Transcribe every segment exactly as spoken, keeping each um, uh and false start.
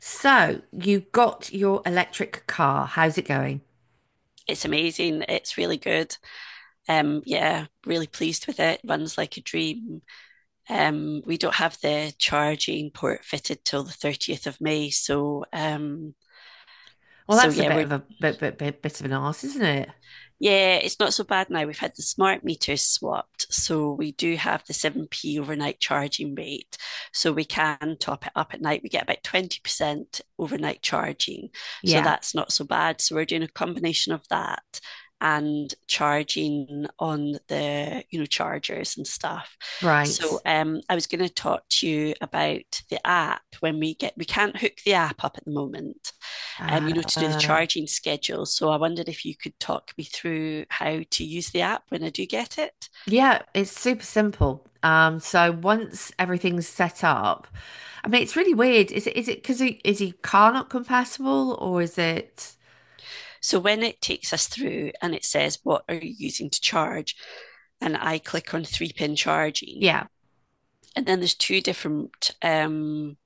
So you got your electric car. How's it going? It's amazing. It's really good. Um, yeah, really pleased with it. Runs like a dream. Um, we don't have the charging port fitted till the thirtieth of May. So, um, Well, so that's a yeah, bit we're. of a bit bit bit, bit of an arse, isn't it? Yeah, it's not so bad now. We've had the smart meters swapped, so we do have the seven p overnight charging rate. So we can top it up at night. We get about twenty percent overnight charging. So Yeah, that's not so bad. So we're doing a combination of that and charging on the you know chargers and stuff. So right. um, I was going to talk to you about the app. When we get we can't hook the app up at the moment, um, Uh, you know, to do the uh, charging schedule. So I wondered if you could talk me through how to use the app when I do get it. yeah, it's super simple. Um, so once everything's set up, I mean, it's really weird. Is it is it because is your car not compatible or is it? So when it takes us through and it says, what are you using to charge? And I click on three pin charging. Yeah. And then there's two different um,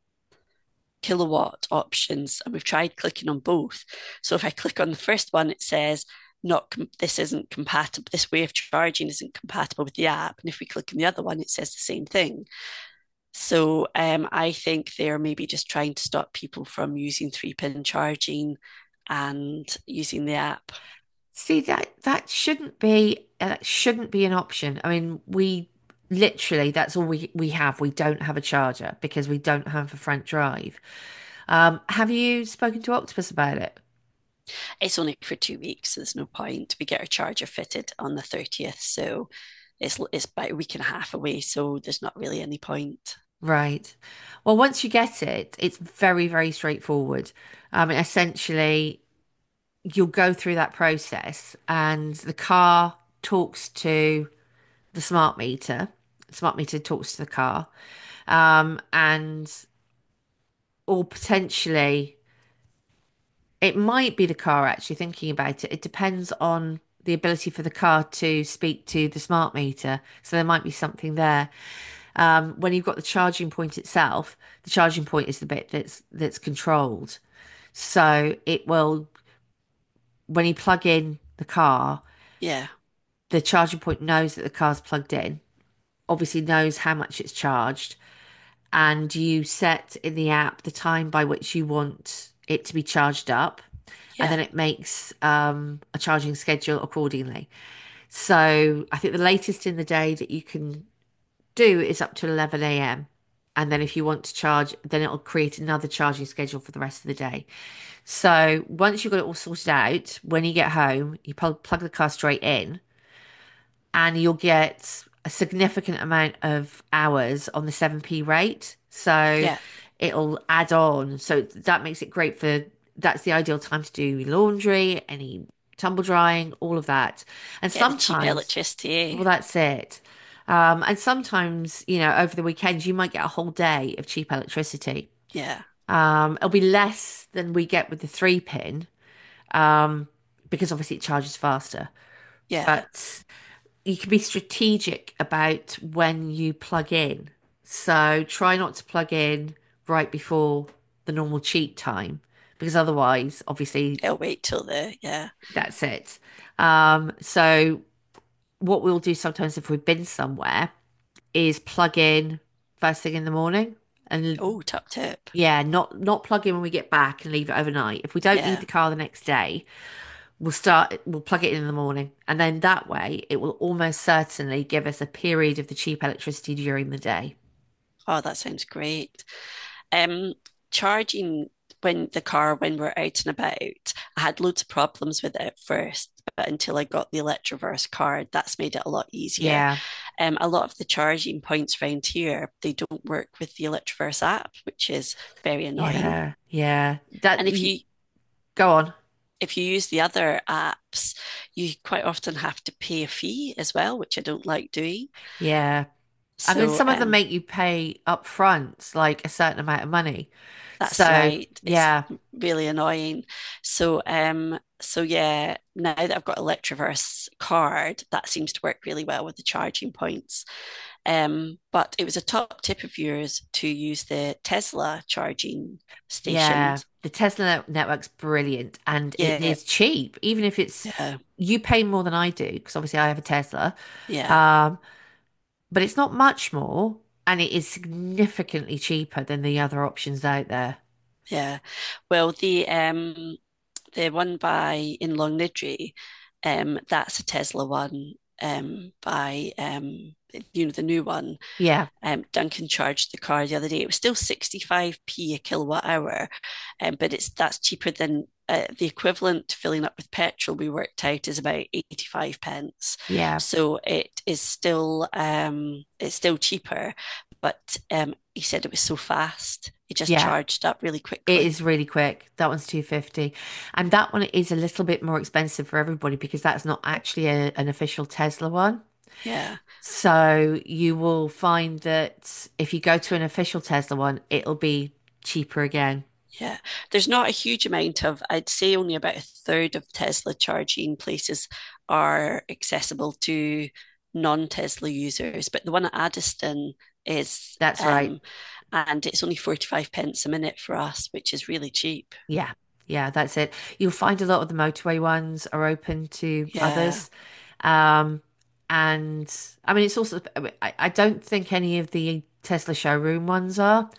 kilowatt options. And we've tried clicking on both. So if I click on the first one, it says, not com- this isn't compatible, this way of charging isn't compatible with the app. And if we click on the other one, it says the same thing. So um, I think they're maybe just trying to stop people from using three pin charging and using the app. See that that shouldn't be uh, that shouldn't be an option. I mean, we literally that's all we we have. We don't have a charger because we don't have a front drive. Um, have you spoken to Octopus about it? It's only for two weeks, so there's no point. We get our charger fitted on the thirtieth, so it's it's about a week and a half away, so there's not really any point. Right. Well, once you get it, it's very, very straightforward. Um, essentially, you'll go through that process, and the car talks to the smart meter. Smart meter talks to the car, um, and or potentially it might be the car, actually, thinking about it. It depends on the ability for the car to speak to the smart meter. So there might be something there. Um, when you've got the charging point itself, the charging point is the bit that's that's controlled. So it will, when you plug in the car, Yeah, the charging point knows that the car's plugged in, obviously knows how much it's charged, and you set in the app the time by which you want it to be charged up, and yeah, then it makes um, a charging schedule accordingly. So I think the latest in the day that you can do is up to eleven a m. And then if you want to charge, then it'll create another charging schedule for the rest of the day. So once you've got it all sorted out, when you get home, you plug, plug the car straight in, and you'll get a significant amount of hours on the seven p rate. So yeah. it'll add on. So that makes it great for that's the ideal time to do laundry, any tumble drying, all of that. And Get the cheap sometimes, electricity, well, eh? that's it. Um, and sometimes, you know, over the weekends, you might get a whole day of cheap electricity. Yeah, Um, it'll be less than we get with the three pin, um, because obviously it charges faster. yeah. But you can be strategic about when you plug in. So try not to plug in right before the normal cheat time because otherwise, obviously, It'll wait till the, yeah. that's it. Um, so what we'll do sometimes if we've been somewhere is plug in first thing in the morning, and Oh, top tip. yeah, not not plug in when we get back and leave it overnight. If we don't need the Yeah. car the next day, We'll start, we'll plug it in in the morning. And then that way, it will almost certainly give us a period of the cheap electricity during the day. Oh, that sounds great. um, charging when the car when we're out and about, I had loads of problems with it at first, but until I got the Electroverse card, that's made it a lot easier. Yeah, Um, a lot of the charging points around here, they don't work with the Electroverse app, which is very annoying. yeah, yeah. That And if you you go on. if you use the other apps, you quite often have to pay a fee as well, which I don't like doing. Yeah. I mean, So, some of them um, make you pay up front, like a certain amount of money. that's So, right. It's yeah, really annoying. So, um, so yeah, now that I've got a Electroverse card, that seems to work really well with the charging points. Um, but it was a top tip of yours to use the Tesla charging yeah. stations. The Tesla net- network's brilliant and it Yeah, is cheap, even if it's yeah, you pay more than I do, because obviously I have a Tesla. yeah, Um, but it's not much more, and it is significantly cheaper than the other options out there. yeah. Well, the um the one by in Longniddry, um, that's a Tesla one, um, by um, you know, the new one. Yeah, Um, Duncan charged the car the other day. It was still sixty-five p a kilowatt hour, um, but it's that's cheaper than uh, the equivalent. Filling up with petrol we worked out is about eighty-five pence. yeah, So it is still um, it's still cheaper, but um, he said it was so fast. It just yeah. charged up really It quickly. is really quick. That one's two fifty. And that one is a little bit more expensive for everybody because that's not actually a, an official Tesla one. Yeah. So you will find that if you go to an official Tesla one, it'll be cheaper again. Yeah, there's not a huge amount of, I'd say only about a third of Tesla charging places are accessible to non-Tesla users, but the one at Addiston is, That's right. um, and it's only forty-five pence a minute for us, which is really cheap. Yeah. Yeah, that's it. You'll find a lot of the motorway ones are open to Yeah, others. Um, and I mean, it's also, I, mean, I I don't think any of the Tesla showroom ones are,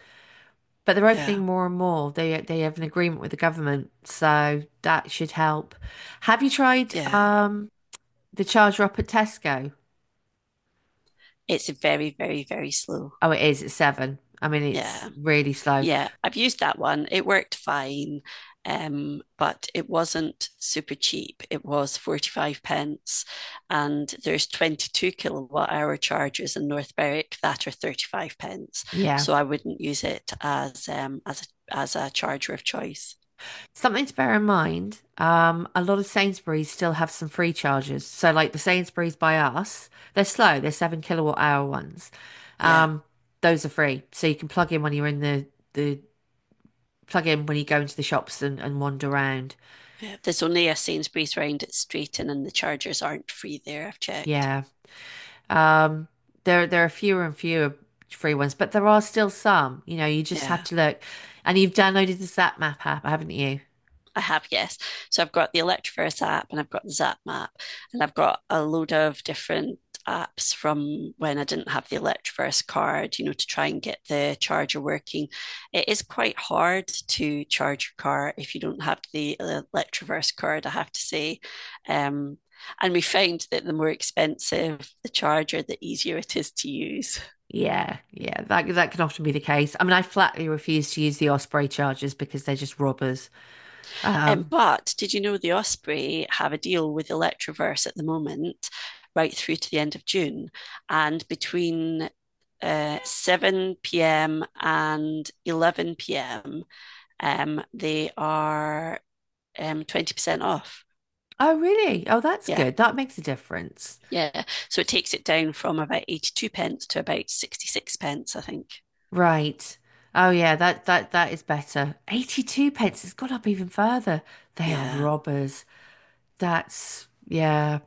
but they're opening yeah, more and more. They they have an agreement with the government, so that should help. Have you tried yeah. um the charger up at Tesco? It's very, very, very slow. Oh, it is. It's seven. I mean, it's Yeah. really slow. Yeah, I've used that one. It worked fine, um, but it wasn't super cheap. It was forty-five pence, and there's twenty-two kilowatt hour chargers in North Berwick that are thirty-five pence. Yeah. So I wouldn't use it as um, as a, as a charger of choice. Something to bear in mind, um, a lot of Sainsbury's still have some free chargers. So, like the Sainsbury's by us, they're slow, they're seven kilowatt hour ones. Yeah, Um, those are free. So you can plug in when you're in the, the plug in when you go into the shops and, and wander around. yeah. There's only a Sainsbury's round its street, and and the chargers aren't free there, I've checked. Yeah. Um, there there are fewer and fewer free ones, but there are still some. You know, you just have Yeah. to look. And you've downloaded the Zap Map app, haven't you? I have, yes. So I've got the Electroverse app and I've got the Zap map and I've got a load of different apps from when I didn't have the Electroverse card, you know, to try and get the charger working. It is quite hard to charge your car if you don't have the Electroverse card, I have to say. Um, and we found that the more expensive the charger, the easier it is to use. Yeah, yeah, that that can often be the case. I mean, I flatly refuse to use the Osprey chargers because they're just robbers. Um, Um, but did you know the Osprey have a deal with Electroverse at the moment, right through to the end of June? And between uh, seven p m and eleven p m, um, they are um, twenty percent off. oh really? Oh, that's Yeah, good. That makes a difference. yeah. So it takes it down from about eighty-two pence to about sixty-six pence, I think. Right. Oh yeah, that that that is better. eighty-two pence has gone up even further. They are Yeah, robbers. That's yeah.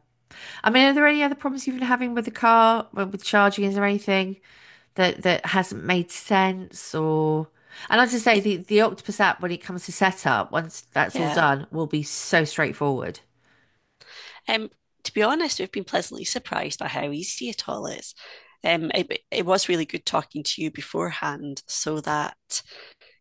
I mean, are there any other problems you've been having with the car, with with charging? Is there anything that that hasn't made sense or and as I say, it, the, the Octopus app when it comes to setup, once that's all yeah. done, will be so straightforward. Um, to be honest, we've been pleasantly surprised by how easy it all is. Um, it, it was really good talking to you beforehand so that,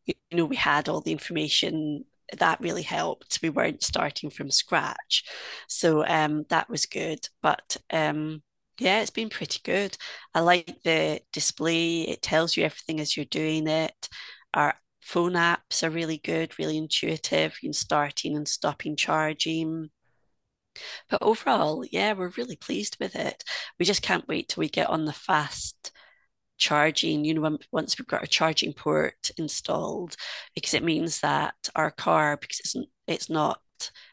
you know, we had all the information that really helped. We weren't starting from scratch. So um, that was good. But um, yeah, it's been pretty good. I like the display, it tells you everything as you're doing it. Our phone apps are really good, really intuitive. You can start in and stopping charging. But overall, yeah, we're really pleased with it. We just can't wait till we get on the fast charging, you know, once we've got our charging port installed, because it means that our car, because it's, it's not,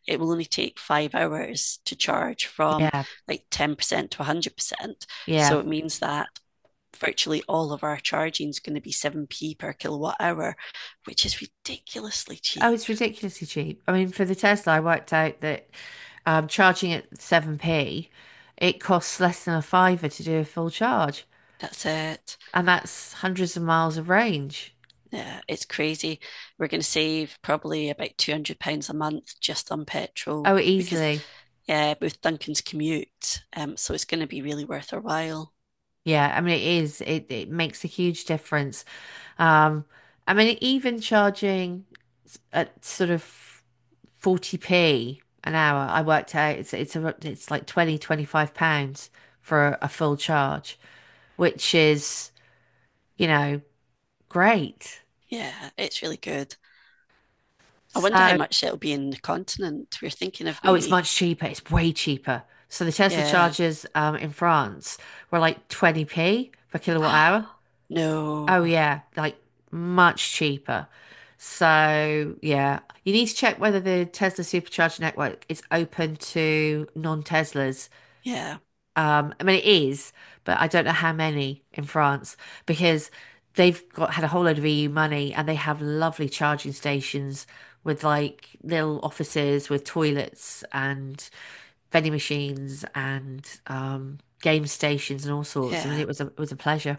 it will only take five hours to charge from Yeah, like ten percent to one hundred percent. yeah. So it means that virtually all of our charging is going to be seven p per kilowatt hour, which is ridiculously Oh, cheap. it's ridiculously cheap. I mean, for the Tesla, I worked out that um, charging at seven p, it costs less than a fiver to do a full charge, That's it. and that's hundreds of miles of range. Yeah, it's crazy. We're going to save probably about two hundred pounds a month just on Oh, petrol because, easily. yeah, with Duncan's commute. Um, so it's going to be really worth our while. Yeah, I mean it is. It it makes a huge difference. Um, I mean even charging s- at sort of forty p an hour, I worked out it's it's a, it's like twenty twenty five pounds for a a full charge, which is, you know, great. Yeah, it's really good. I wonder how So, much it'll be in the continent. We're thinking of oh, it's maybe, much cheaper. It's way cheaper. So the Tesla yeah. chargers um in France were like twenty p per kilowatt hour. No. Oh yeah, like much cheaper. So yeah, you need to check whether the Tesla Supercharger network is open to non-Teslas. Yeah, Um, I mean it is, but I don't know how many in France because they've got had a whole load of E U money and they have lovely charging stations with like little offices with toilets and vending machines and um, game stations and all sorts. I mean yeah, it was a it was a pleasure.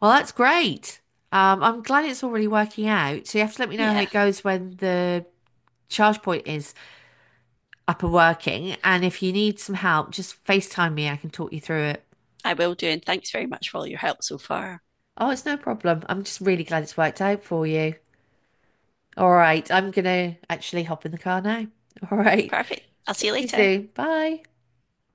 Well, that's great. Um, I'm glad it's already working out. So you have to let me know how yeah. it goes when the charge point is up and working. And if you need some help, just FaceTime me. I can talk you through it. I will do. And thanks very much for all your help so far. Oh, it's no problem. I'm just really glad it's worked out for you. All right. I'm gonna actually hop in the car now. All right. Perfect. I'll see you See you later. soon. Bye.